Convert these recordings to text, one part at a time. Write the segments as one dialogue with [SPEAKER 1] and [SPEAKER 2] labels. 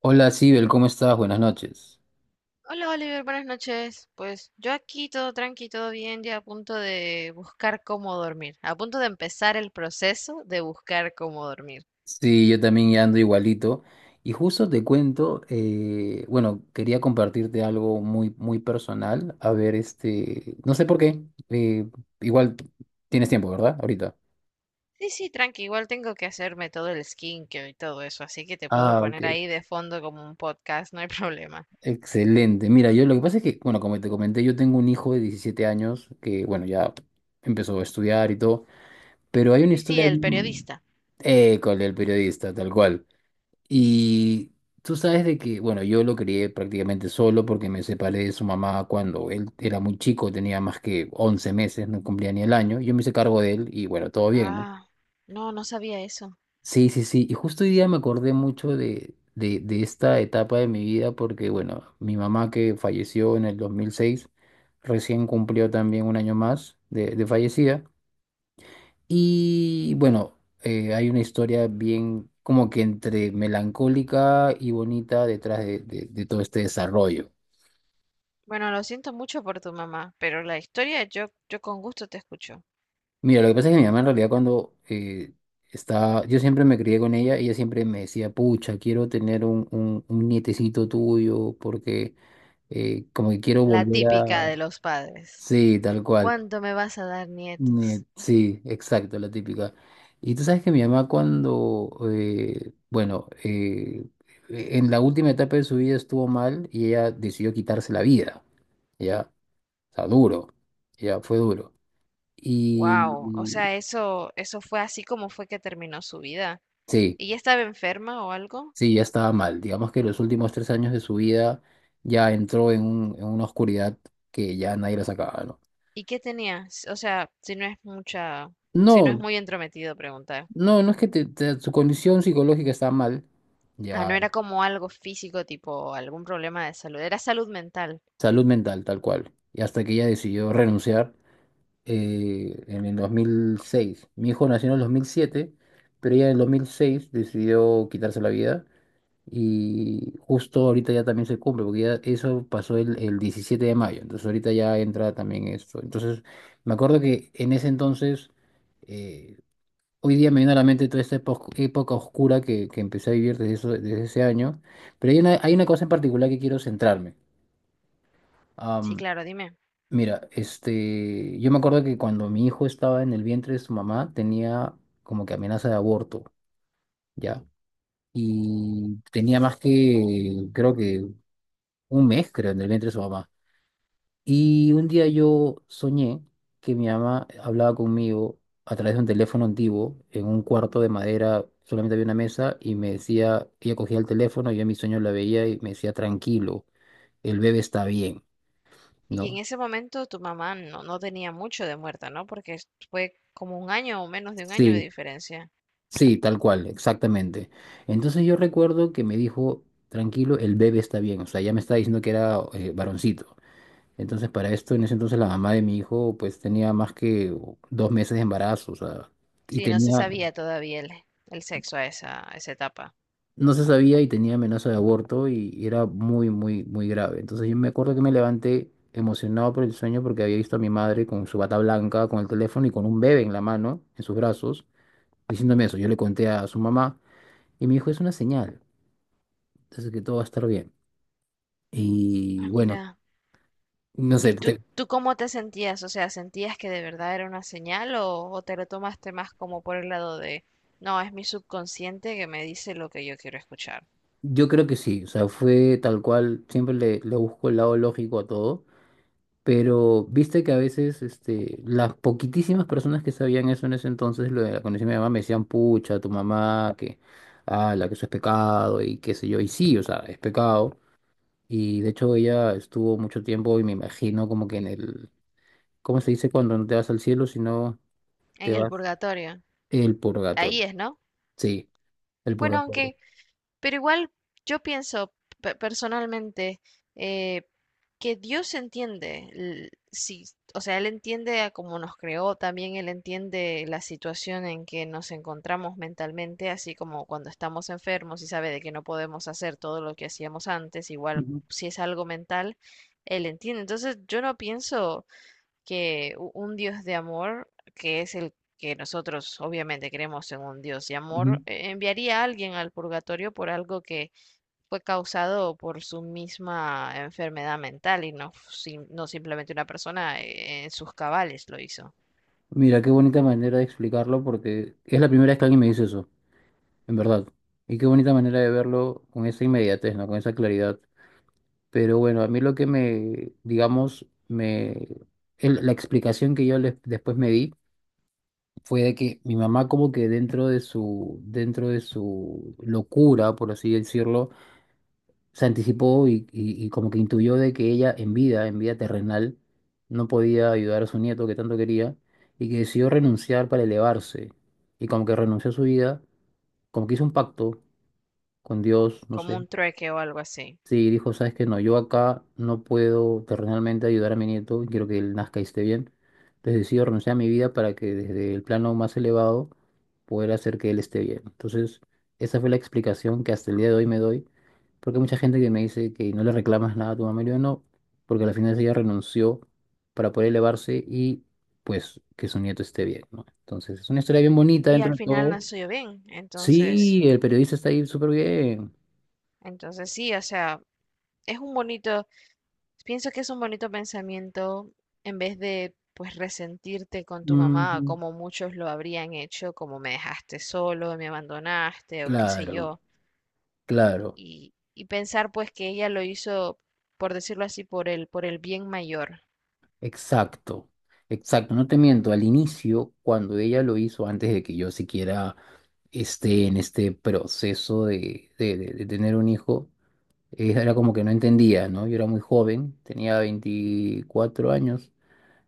[SPEAKER 1] Hola, Sibel, ¿cómo estás? Buenas noches.
[SPEAKER 2] Hola Oliver, buenas noches. Pues yo aquí todo tranqui, todo bien, ya a punto de buscar cómo dormir, a punto de empezar el proceso de buscar cómo dormir.
[SPEAKER 1] Sí, yo también ya ando igualito. Y justo te cuento, bueno, quería compartirte algo muy, muy personal. A ver, no sé por qué. eh, Igual tienes tiempo, ¿verdad? Ahorita.
[SPEAKER 2] Sí, sí, tranqui, igual tengo que hacerme todo el skincare y todo eso, así que te puedo
[SPEAKER 1] Ah, ok.
[SPEAKER 2] poner ahí de fondo como un podcast, no hay problema.
[SPEAKER 1] Excelente. Mira, yo lo que pasa es que, bueno, como te comenté, yo tengo un hijo de 17 años que, bueno, ya empezó a estudiar y todo, pero hay una
[SPEAKER 2] Sí, sí,
[SPEAKER 1] historia...
[SPEAKER 2] el
[SPEAKER 1] bien-
[SPEAKER 2] periodista.
[SPEAKER 1] Con el periodista, tal cual. Y tú sabes de que, bueno, yo lo crié prácticamente solo porque me separé de su mamá cuando él era muy chico, tenía más que 11 meses, no cumplía ni el año. Yo me hice cargo de él y bueno, todo bien, ¿no?
[SPEAKER 2] Ah, no, no sabía eso.
[SPEAKER 1] Sí, sí, sí. Y justo hoy día me acordé mucho de esta etapa de mi vida porque, bueno, mi mamá que falleció en el 2006 recién cumplió también un año más de fallecida. Y bueno, hay una historia bien como que entre melancólica y bonita detrás de todo este desarrollo.
[SPEAKER 2] Bueno, lo siento mucho por tu mamá, pero la historia yo con gusto te escucho.
[SPEAKER 1] Mira, lo que pasa es que mi mamá en realidad cuando estaba, yo siempre me crié con ella, ella siempre me decía, pucha, quiero tener un nietecito tuyo porque como que quiero
[SPEAKER 2] La
[SPEAKER 1] volver
[SPEAKER 2] típica
[SPEAKER 1] a...
[SPEAKER 2] de los padres.
[SPEAKER 1] Sí, tal cual.
[SPEAKER 2] ¿Cuánto me vas a dar nietos?
[SPEAKER 1] Sí, exacto, la típica. Y tú sabes que mi mamá cuando, bueno, en la última etapa de su vida estuvo mal y ella decidió quitarse la vida, ya, o sea, duro, ya fue duro. Y
[SPEAKER 2] Wow, o
[SPEAKER 1] y
[SPEAKER 2] sea, eso fue así como fue que terminó su vida.
[SPEAKER 1] sí,
[SPEAKER 2] ¿Y ya estaba enferma o algo?
[SPEAKER 1] sí, ya estaba mal. Digamos que los últimos 3 años de su vida ya entró en una oscuridad que ya nadie la sacaba, ¿no?
[SPEAKER 2] ¿Y qué tenía? O sea, si no es mucha, si no es
[SPEAKER 1] No,
[SPEAKER 2] muy entrometido preguntar.
[SPEAKER 1] no, no es que su condición psicológica estaba mal,
[SPEAKER 2] Ah,
[SPEAKER 1] ya.
[SPEAKER 2] no era como algo físico, tipo algún problema de salud, era salud mental.
[SPEAKER 1] Salud mental, tal cual. Y hasta que ella decidió renunciar en el 2006. Mi hijo nació en el 2007, pero ella en el 2006 decidió quitarse la vida. Y justo ahorita ya también se cumple, porque ya eso pasó el 17 de mayo. Entonces ahorita ya entra también esto. Entonces me acuerdo que en ese entonces, eh, hoy día me viene a la mente toda esta época oscura que empecé a vivir desde ese año. Pero hay una cosa en particular que quiero centrarme.
[SPEAKER 2] Sí, claro, dime.
[SPEAKER 1] Mira, yo me acuerdo que cuando mi hijo estaba en el vientre de su mamá tenía como que amenaza de aborto, ¿ya? Y tenía más que, creo que un mes, creo, en el vientre de su mamá. Y un día yo soñé que mi mamá hablaba conmigo a través de un teléfono antiguo en un cuarto de madera, solamente había una mesa y me decía, ella cogía el teléfono, yo en mi sueño la veía y me decía, tranquilo, el bebé está bien,
[SPEAKER 2] Y en
[SPEAKER 1] ¿no?
[SPEAKER 2] ese momento tu mamá no tenía mucho de muerta, ¿no? Porque fue como un año o menos de un año de
[SPEAKER 1] Sí.
[SPEAKER 2] diferencia.
[SPEAKER 1] Sí, tal cual, exactamente. Entonces yo recuerdo que me dijo, tranquilo, el bebé está bien, o sea, ya me estaba diciendo que era varoncito. Entonces para esto, en ese entonces la mamá de mi hijo pues tenía más que 2 meses de embarazo, o sea, y
[SPEAKER 2] Sí, no se
[SPEAKER 1] tenía,
[SPEAKER 2] sabía todavía el sexo a a esa etapa.
[SPEAKER 1] no se sabía y tenía amenaza de aborto y era muy, muy, muy grave. Entonces yo me acuerdo que me levanté emocionado por el sueño porque había visto a mi madre con su bata blanca, con el teléfono y con un bebé en la mano, en sus brazos, diciéndome eso. Yo le conté a su mamá. Y me dijo, es una señal. Así que todo va a estar bien.
[SPEAKER 2] Ah,
[SPEAKER 1] Y bueno,
[SPEAKER 2] mira.
[SPEAKER 1] no sé,
[SPEAKER 2] ¿Y tú, tú cómo te sentías? O sea, ¿sentías que de verdad era una señal o te lo tomaste más como por el lado de, no, es mi subconsciente que me dice lo que yo quiero escuchar?
[SPEAKER 1] yo creo que sí, o sea, fue tal cual, siempre le, le busco el lado lógico a todo, pero viste que a veces las poquitísimas personas que sabían eso en ese entonces, lo de la condición de mi mamá, me decían, pucha, tu mamá, que, ah, la que eso es pecado y qué sé yo, y sí, o sea, es pecado. Y de hecho ella estuvo mucho tiempo y me imagino como que en el, ¿cómo se dice cuando no te vas al cielo, sino te
[SPEAKER 2] En el
[SPEAKER 1] vas
[SPEAKER 2] purgatorio.
[SPEAKER 1] el purgatorio?
[SPEAKER 2] Ahí es, ¿no?
[SPEAKER 1] Sí, el
[SPEAKER 2] Bueno,
[SPEAKER 1] purgatorio.
[SPEAKER 2] aunque pero igual yo pienso personalmente, eh, que Dios entiende, sí, o sea, Él entiende a cómo nos creó, también Él entiende la situación en que nos encontramos mentalmente, así como cuando estamos enfermos y sabe de que no podemos hacer todo lo que hacíamos antes, igual si es algo mental, Él entiende. Entonces yo no pienso que un Dios de amor, que es el que nosotros obviamente creemos en un Dios de amor,
[SPEAKER 1] Ujú.
[SPEAKER 2] enviaría a alguien al purgatorio por algo que fue causado por su misma enfermedad mental y no, no simplemente una persona en sus cabales lo hizo,
[SPEAKER 1] Mira, qué bonita manera de explicarlo porque es la primera vez que alguien me dice eso, en verdad. Y qué bonita manera de verlo con esa inmediatez, ¿no? Con esa claridad. Pero bueno, a mí lo que me, digamos, me... la explicación que yo después me di fue de que mi mamá como que dentro de su locura, por así decirlo, se anticipó y como que intuyó de que ella en vida terrenal, no podía ayudar a su nieto que tanto quería y que decidió renunciar para elevarse. Y como que renunció a su vida, como que hizo un pacto con Dios, no
[SPEAKER 2] como
[SPEAKER 1] sé.
[SPEAKER 2] un trueque o algo así.
[SPEAKER 1] Sí, dijo, sabes que no, yo acá no puedo terrenalmente ayudar a mi nieto, quiero que él nazca y esté bien. Entonces decido renunciar a mi vida para que desde el plano más elevado poder hacer que él esté bien. Entonces, esa fue la explicación que hasta el día de hoy me doy, porque hay mucha gente que me dice que no le reclamas nada a tu mamá, y yo no, porque al final ella renunció para poder elevarse y pues que su nieto esté bien, ¿no? Entonces, es una historia bien bonita
[SPEAKER 2] Y
[SPEAKER 1] dentro
[SPEAKER 2] al
[SPEAKER 1] de
[SPEAKER 2] final
[SPEAKER 1] todo.
[SPEAKER 2] nació bien, entonces,
[SPEAKER 1] Sí, el periodista está ahí súper bien.
[SPEAKER 2] entonces sí, o sea, es un bonito, pienso que es un bonito pensamiento en vez de pues resentirte con tu mamá
[SPEAKER 1] Ujú.
[SPEAKER 2] como muchos lo habrían hecho, como me dejaste solo, me abandonaste o qué sé
[SPEAKER 1] Claro.
[SPEAKER 2] yo,
[SPEAKER 1] Claro,
[SPEAKER 2] y pensar pues que ella lo hizo, por decirlo así, por por el bien mayor.
[SPEAKER 1] exacto, exacto. No te miento, al inicio, cuando ella lo hizo, antes de que yo siquiera esté en este proceso de tener un hijo, era como que no entendía, ¿no? Yo era muy joven, tenía 24 años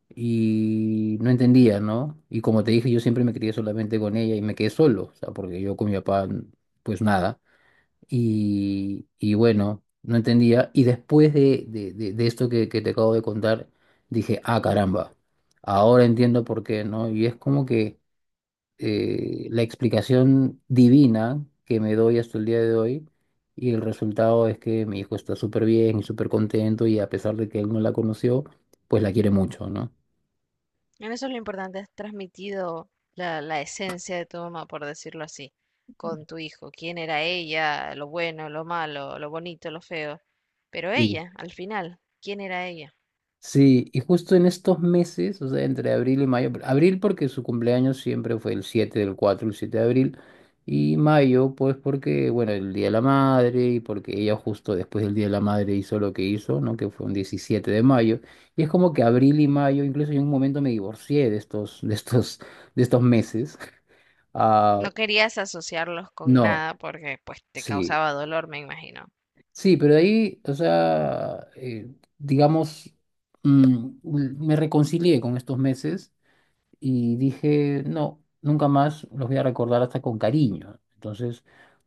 [SPEAKER 1] y no entendía, ¿no? Y como te dije, yo siempre me crié solamente con ella y me quedé solo, o sea, porque yo con mi papá, pues nada. Y bueno, no entendía. Y después de esto que te acabo de contar, dije, ah, caramba, ahora entiendo por qué, ¿no? Y es como que la explicación divina que me doy hasta el día de hoy, y el resultado es que mi hijo está súper bien y súper contento, y a pesar de que él no la conoció, pues la quiere mucho, ¿no?
[SPEAKER 2] En eso lo importante es transmitido la esencia de tu mamá, por decirlo así, con tu hijo, quién era ella, lo bueno, lo malo, lo bonito, lo feo, pero ella, al final, quién era ella.
[SPEAKER 1] Sí, y justo en estos meses, o sea, entre abril y mayo, abril porque su cumpleaños siempre fue el 7/4, el 7 de abril, y mayo pues porque, bueno, el Día de la Madre y porque ella justo después del Día de la Madre hizo lo que hizo, ¿no? Que fue un 17 de mayo, y es como que abril y mayo, incluso yo en un momento me divorcié de estos meses. Ah,
[SPEAKER 2] No querías asociarlos con
[SPEAKER 1] no,
[SPEAKER 2] nada porque pues te
[SPEAKER 1] sí,
[SPEAKER 2] causaba dolor, me imagino.
[SPEAKER 1] sí, pero de ahí, o sea, digamos, me reconcilié con estos meses y dije, no, nunca más los voy a recordar hasta con cariño. Entonces,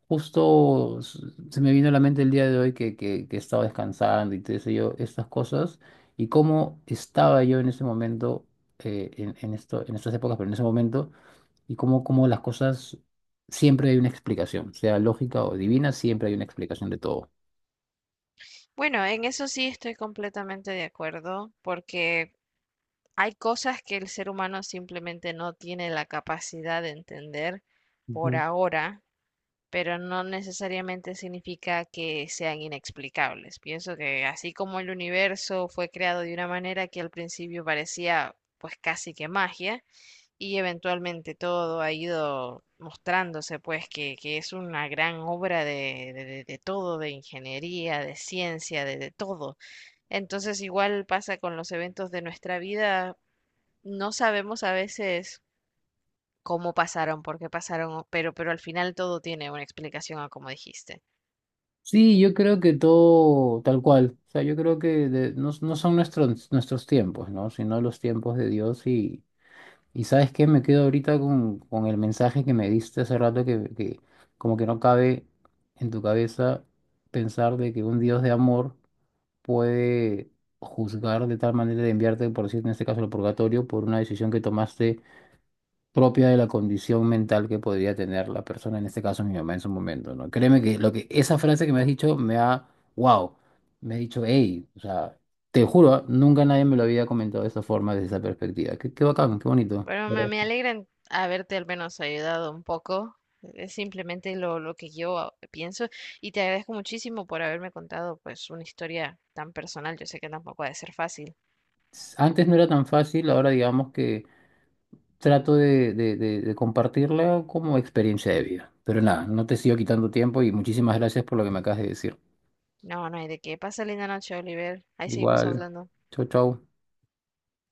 [SPEAKER 1] justo se me vino a la mente el día de hoy que estaba descansando y te sé yo, estas cosas, y cómo estaba yo en ese momento, en esto, en estas épocas, pero en ese momento, y cómo las cosas, siempre hay una explicación, sea lógica o divina, siempre hay una explicación de todo.
[SPEAKER 2] Bueno, en eso sí estoy completamente de acuerdo porque hay cosas que el ser humano simplemente no tiene la capacidad de entender por ahora, pero no necesariamente significa que sean inexplicables. Pienso que así como el universo fue creado de una manera que al principio parecía pues casi que magia, y eventualmente todo ha ido mostrándose, pues, que es una gran obra de, de todo, de ingeniería, de ciencia, de todo. Entonces, igual pasa con los eventos de nuestra vida, no sabemos a veces cómo pasaron, por qué pasaron, pero al final todo tiene una explicación a como dijiste.
[SPEAKER 1] Sí, yo creo que todo tal cual. O sea, yo creo que no, no son nuestros tiempos, ¿no? Sino los tiempos de Dios. Y ¿sabes qué? Me quedo ahorita con el mensaje que me diste hace rato que como que no cabe en tu cabeza pensar de que un Dios de amor puede juzgar de tal manera de enviarte, por decir en este caso, al purgatorio por una decisión que tomaste propia de la condición mental que podría tener la persona, en este caso mi mamá en su momento, ¿no? Créeme que lo que esa frase que me has dicho me ha, wow, me ha dicho, hey, o sea, te juro, ¿ah? Nunca nadie me lo había comentado de esa forma, desde esa perspectiva. Qué bacán, qué bonito.
[SPEAKER 2] Bueno,
[SPEAKER 1] ¿Verdad?
[SPEAKER 2] me alegra en haberte al menos ayudado un poco. Es simplemente lo que yo pienso, y te agradezco muchísimo por haberme contado pues una historia tan personal. Yo sé que tampoco ha de ser fácil.
[SPEAKER 1] Antes no era tan fácil, ahora digamos que trato de compartirla como experiencia de vida. Pero nada, no te sigo quitando tiempo y muchísimas gracias por lo que me acabas de decir.
[SPEAKER 2] No, no hay de qué. Pasa linda noche, Oliver. Ahí seguimos
[SPEAKER 1] Igual,
[SPEAKER 2] hablando.
[SPEAKER 1] chau, chau.